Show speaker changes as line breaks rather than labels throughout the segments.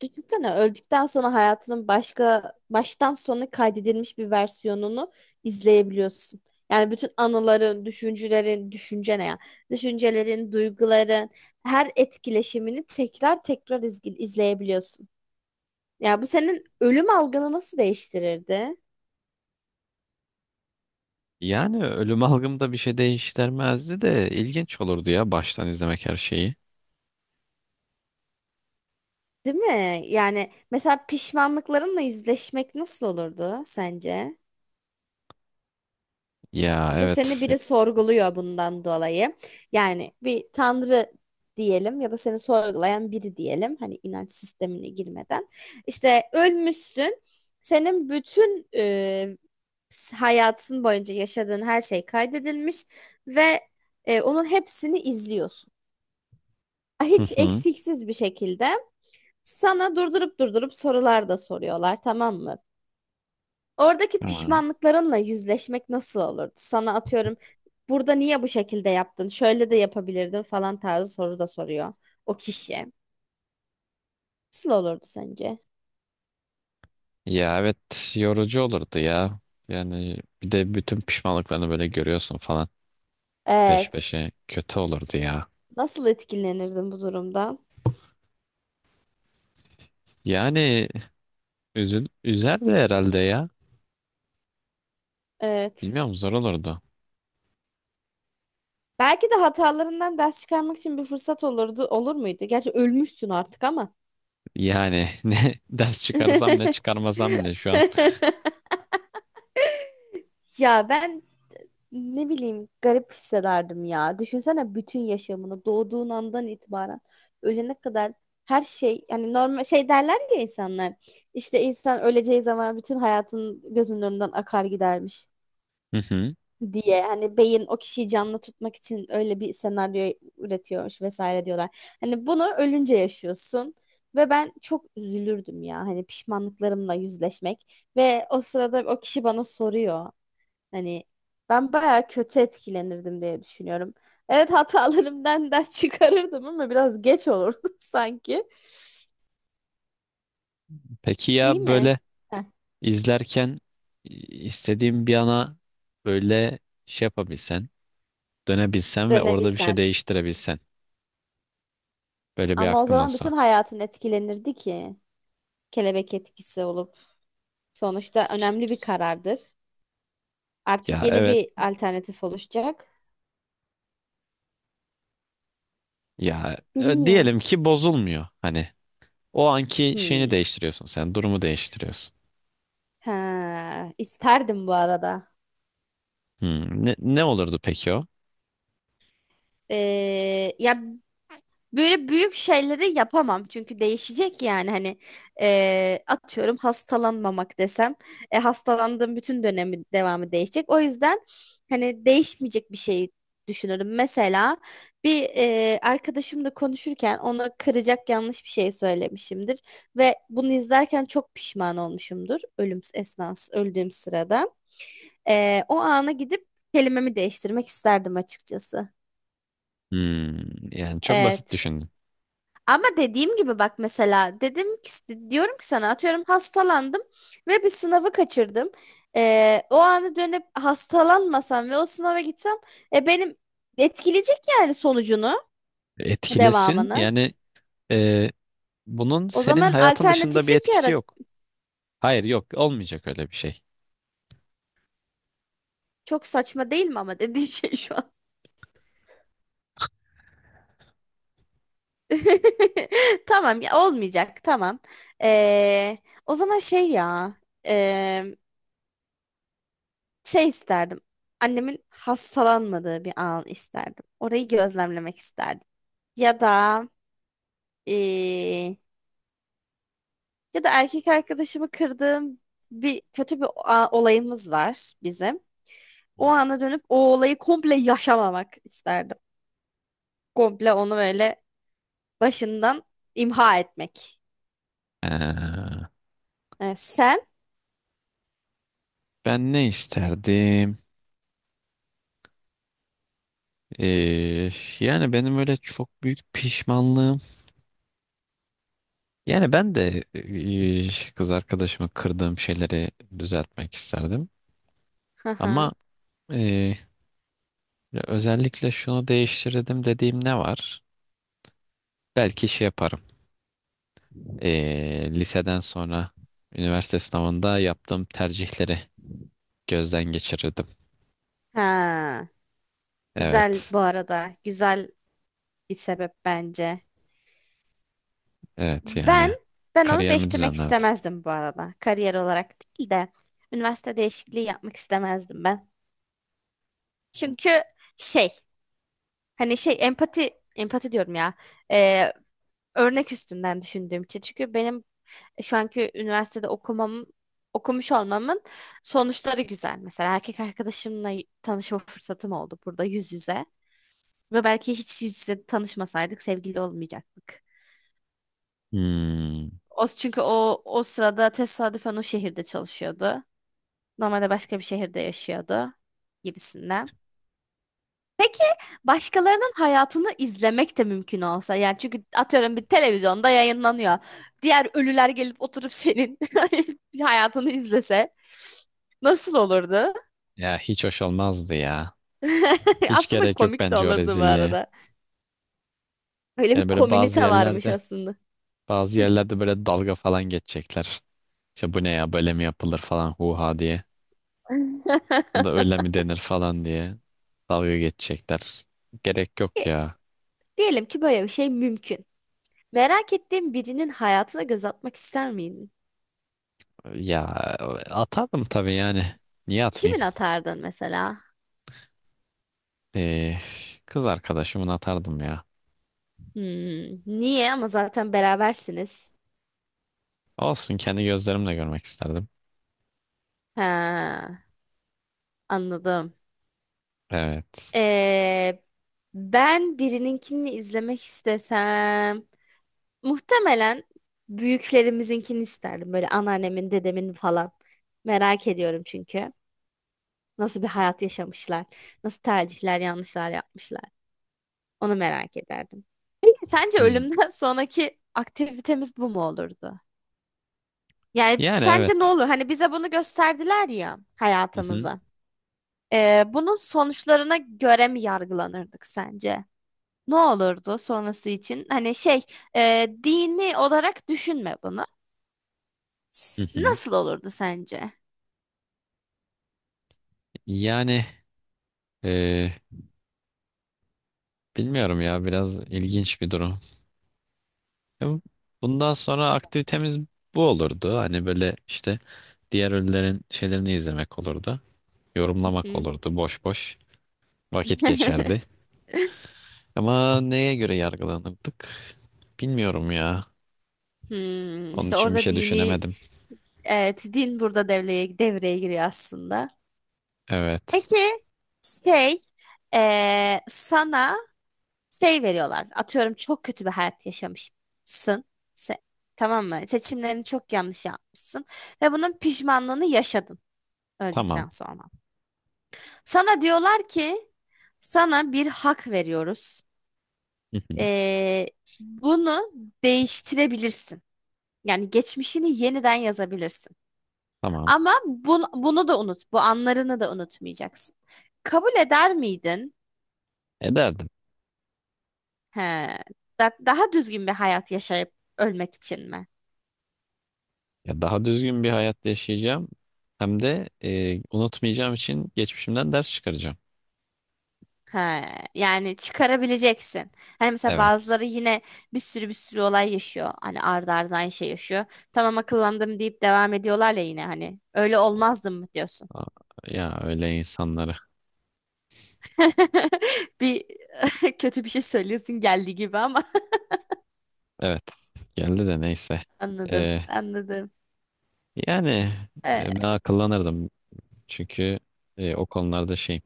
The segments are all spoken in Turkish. Düşünsene, öldükten sonra hayatının başka baştan sona kaydedilmiş bir versiyonunu izleyebiliyorsun. Yani bütün anıların, düşüncelerin, düşünce ne ya? Düşüncelerin, duyguların, her etkileşimini tekrar tekrar izleyebiliyorsun. Ya bu senin ölüm algını nasıl değiştirirdi?
Yani ölüm algımda bir şey değiştirmezdi de ilginç olurdu ya baştan izlemek her şeyi.
Değil mi? Yani mesela pişmanlıklarınla yüzleşmek nasıl olurdu sence?
Ya
Ve seni
evet.
biri sorguluyor bundan dolayı. Yani bir tanrı diyelim ya da seni sorgulayan biri diyelim. Hani inanç sistemine girmeden. İşte ölmüşsün. Senin bütün hayatın boyunca yaşadığın her şey kaydedilmiş ve onun hepsini izliyorsun.
Hı
Hiç
hı.
eksiksiz bir şekilde sana durdurup durdurup sorular da soruyorlar, tamam mı? Oradaki
Tamam.
pişmanlıklarınla yüzleşmek nasıl olurdu? Sana atıyorum, burada niye bu şekilde yaptın? Şöyle de yapabilirdin falan tarzı soru da soruyor o kişi. Nasıl olurdu sence?
Ya evet, yorucu olurdu ya. Yani bir de bütün pişmanlıklarını böyle görüyorsun falan, peş
Evet.
peşe kötü olurdu ya.
Nasıl etkilenirdin bu durumdan?
Yani üzerdi herhalde ya.
Evet.
Bilmiyorum, zor olurdu.
Belki de hatalarından ders çıkarmak için bir fırsat olurdu. Olur muydu? Gerçi ölmüşsün artık ama.
Yani ne ders çıkarsam ne çıkarmasam ne şu an.
Ya ben, ne bileyim, garip hissederdim ya. Düşünsene bütün yaşamını doğduğun andan itibaren ölene kadar her şey, yani normal, şey derler ya insanlar, işte insan öleceği zaman bütün hayatın gözünün önünden akar gidermiş
Hı hı.
diye. Hani beyin o kişiyi canlı tutmak için öyle bir senaryo üretiyormuş vesaire diyorlar. Hani bunu ölünce yaşıyorsun ve ben çok üzülürdüm ya, hani pişmanlıklarımla yüzleşmek ve o sırada o kişi bana soruyor. Hani ben bayağı kötü etkilenirdim diye düşünüyorum. Evet, hatalarımdan ders çıkarırdım ama biraz geç olurdu sanki.
Peki
Değil
ya
mi?
böyle,
Heh,
İzlerken istediğin bir ana böyle şey yapabilsen, dönebilsen ve orada bir şey
dönebilsen.
değiştirebilsen. Böyle bir
Ama o
hakkın
zaman bütün
olsa.
hayatın etkilenirdi ki. Kelebek etkisi olup. Sonuçta önemli bir karardır. Artık
Ya
yeni
evet,
bir alternatif oluşacak.
ya
Bilmiyorum.
diyelim ki bozulmuyor. Hani o anki şeyini
Hmm.
değiştiriyorsun sen, durumu değiştiriyorsun.
Ha, isterdim bu arada.
Hmm, ne olurdu peki o?
Ya, böyle büyük şeyleri yapamam çünkü değişecek, yani hani atıyorum hastalanmamak desem, hastalandığım bütün dönemi, devamı değişecek. O yüzden hani değişmeyecek bir şey düşünürüm. Mesela bir arkadaşımla konuşurken ona kıracak yanlış bir şey söylemişimdir ve bunu izlerken çok pişman olmuşumdur ölüm esnası, öldüğüm sırada. O ana gidip kelimemi değiştirmek isterdim açıkçası.
Hmm, yani çok basit
Evet.
düşündüm.
Ama dediğim gibi, bak mesela dedim ki, diyorum ki sana, atıyorum hastalandım ve bir sınavı kaçırdım. O anı dönüp hastalanmasam ve o sınava gitsem, benim etkileyecek yani sonucunu,
Etkilesin
devamını.
yani, e, bunun
O
senin
zaman
hayatın dışında bir
alternatiflik
etkisi
yarat.
yok. Hayır, yok, olmayacak öyle bir şey.
Çok saçma değil mi ama dediğin şey şu an. Tamam ya, olmayacak, tamam. Ee, O zaman şey ya, şey isterdim. Annemin hastalanmadığı bir an isterdim. Orayı gözlemlemek isterdim. Ya da eee, ya da erkek arkadaşımı kırdığım bir kötü bir olayımız var bizim. O
Hmm.
ana dönüp o olayı komple yaşamamak isterdim. Komple onu böyle başından imha etmek.
Ee,
Evet, sen?
Ben ne isterdim? Ee, Yani benim öyle çok büyük pişmanlığım. Yani ben de kız arkadaşımı kırdığım şeyleri düzeltmek isterdim.
Hı
Ama
hı.
e, özellikle şunu değiştirdim dediğim ne var? Belki şey yaparım. Liseden sonra üniversite sınavında yaptığım tercihleri gözden geçirirdim.
Ha, güzel
Evet.
bu arada. Güzel bir sebep bence.
Evet
Ben
yani.
ben onu
Kariyerimi
değiştirmek
düzenlerdim.
istemezdim bu arada. Kariyer olarak değil de üniversite değişikliği yapmak istemezdim ben. Çünkü şey, hani şey, empati diyorum ya. Ee, Örnek üstünden düşündüğüm için. Çünkü benim şu anki üniversitede okumuş olmamın sonuçları güzel. Mesela erkek arkadaşımla tanışma fırsatım oldu burada yüz yüze. Ve belki hiç yüz yüze tanışmasaydık sevgili olmayacaktık.
Hmm,
O, çünkü o sırada tesadüfen o şehirde çalışıyordu. Normalde başka bir şehirde yaşıyordu gibisinden. Başkalarının hayatını izlemek de mümkün olsa. Yani çünkü atıyorum bir televizyonda yayınlanıyor. Diğer ölüler gelip oturup senin hayatını izlese nasıl olurdu?
ya hiç hoş olmazdı ya. Hiç
Aslında
gerek yok
komik de
bence o
olurdu bu
rezilliğe.
arada. Böyle bir
Yani böyle
komünite varmış aslında.
bazı yerlerde böyle dalga falan geçecekler. İşte bu ne ya, böyle mi yapılır falan, huha diye. Ya da öyle mi denir falan diye dalga geçecekler. Gerek yok
E,
ya.
Diyelim ki böyle bir şey mümkün. Merak ettiğin birinin hayatına göz atmak ister miydin?
Ya atardım tabii yani. Niye atmayayım?
Kimin atardın mesela?
Ee, Kız arkadaşımı atardım ya.
Hmm, niye? Ama zaten berabersiniz.
Olsun, kendi gözlerimle görmek isterdim.
Ha, anladım.
Evet.
Ee, Ben birininkini izlemek istesem muhtemelen büyüklerimizinkini isterdim. Böyle anneannemin, dedemin falan. Merak ediyorum çünkü. Nasıl bir hayat yaşamışlar? Nasıl tercihler, yanlışlar yapmışlar? Onu merak ederdim. Peki sence
Hmm.
ölümden sonraki aktivitemiz bu mu olurdu? Yani
Yani
sence ne
evet.
olur? Hani bize bunu gösterdiler ya
Hı hı.
hayatımızı. Bunun sonuçlarına göre mi yargılanırdık sence? Ne olurdu sonrası için? Hani şey, dini olarak düşünme bunu.
Hı hı.
Nasıl olurdu sence?
Yani e, bilmiyorum ya, biraz ilginç bir durum. Ya bundan sonra aktivitemiz bu olurdu. Hani böyle işte diğer ünlülerin şeylerini izlemek olurdu.
Hı
Yorumlamak
hı.
olurdu. Boş boş vakit geçerdi. Ama neye göre yargılanırdık? Bilmiyorum ya.
Hmm,
Onun
işte
için bir
orada
şey
dini,
düşünemedim.
evet, din burada devreye giriyor aslında.
Evet.
Peki şey, sana şey veriyorlar. Atıyorum çok kötü bir hayat yaşamışsın. Se- tamam mı? Seçimlerini çok yanlış yapmışsın ve bunun pişmanlığını yaşadın
Tamam.
öldükten sonra. Sana diyorlar ki sana bir hak veriyoruz.
Hı hı.
Ee, Bunu değiştirebilirsin. Yani geçmişini yeniden yazabilirsin.
Tamam.
Ama bunu da unut. Bu anlarını da unutmayacaksın. Kabul eder miydin?
Ederdim.
He, daha düzgün bir hayat yaşayıp ölmek için mi?
Ya daha düzgün bir hayat yaşayacağım. Hem de unutmayacağım için geçmişimden ders çıkaracağım.
Ha, yani çıkarabileceksin. Hani mesela
Evet.
bazıları yine bir sürü olay yaşıyor. Hani ardı ardına aynı şey yaşıyor. Tamam akıllandım deyip devam ediyorlar ya yine hani. Öyle olmazdım mı diyorsun?
Aa, ya öyle insanları.
Bir kötü bir şey söylüyorsun geldiği gibi ama.
Evet. Geldi de neyse.
Anladım.
Ee,
Anladım.
Yani ben
Ee,
akıllanırdım. Çünkü o konularda şey,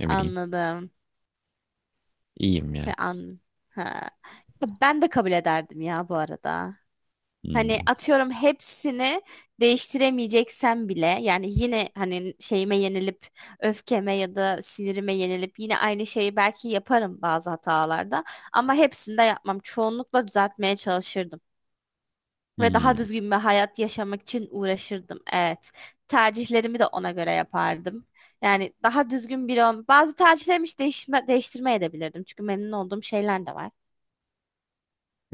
ne bileyim,
Anladım.
iyiyim yani.
Ha, An ha. Ben de kabul ederdim ya bu arada. Hani
Hmm.
atıyorum hepsini değiştiremeyeceksen bile, yani yine hani şeyime yenilip, öfkeme ya da sinirime yenilip yine aynı şeyi belki yaparım bazı hatalarda ama hepsini de yapmam. Çoğunlukla düzeltmeye çalışırdım ve daha
Hmm.
düzgün bir hayat yaşamak için uğraşırdım. Evet. Tercihlerimi de ona göre yapardım. Yani daha düzgün biri bazı tercihlerimi hiç değiştirmeye de bilirdim. Çünkü memnun olduğum şeyler de var.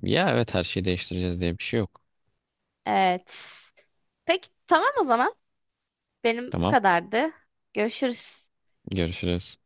Ya evet, her şeyi değiştireceğiz diye bir şey yok.
Evet. Peki tamam o zaman. Benim bu
Tamam.
kadardı. Görüşürüz.
Görüşürüz.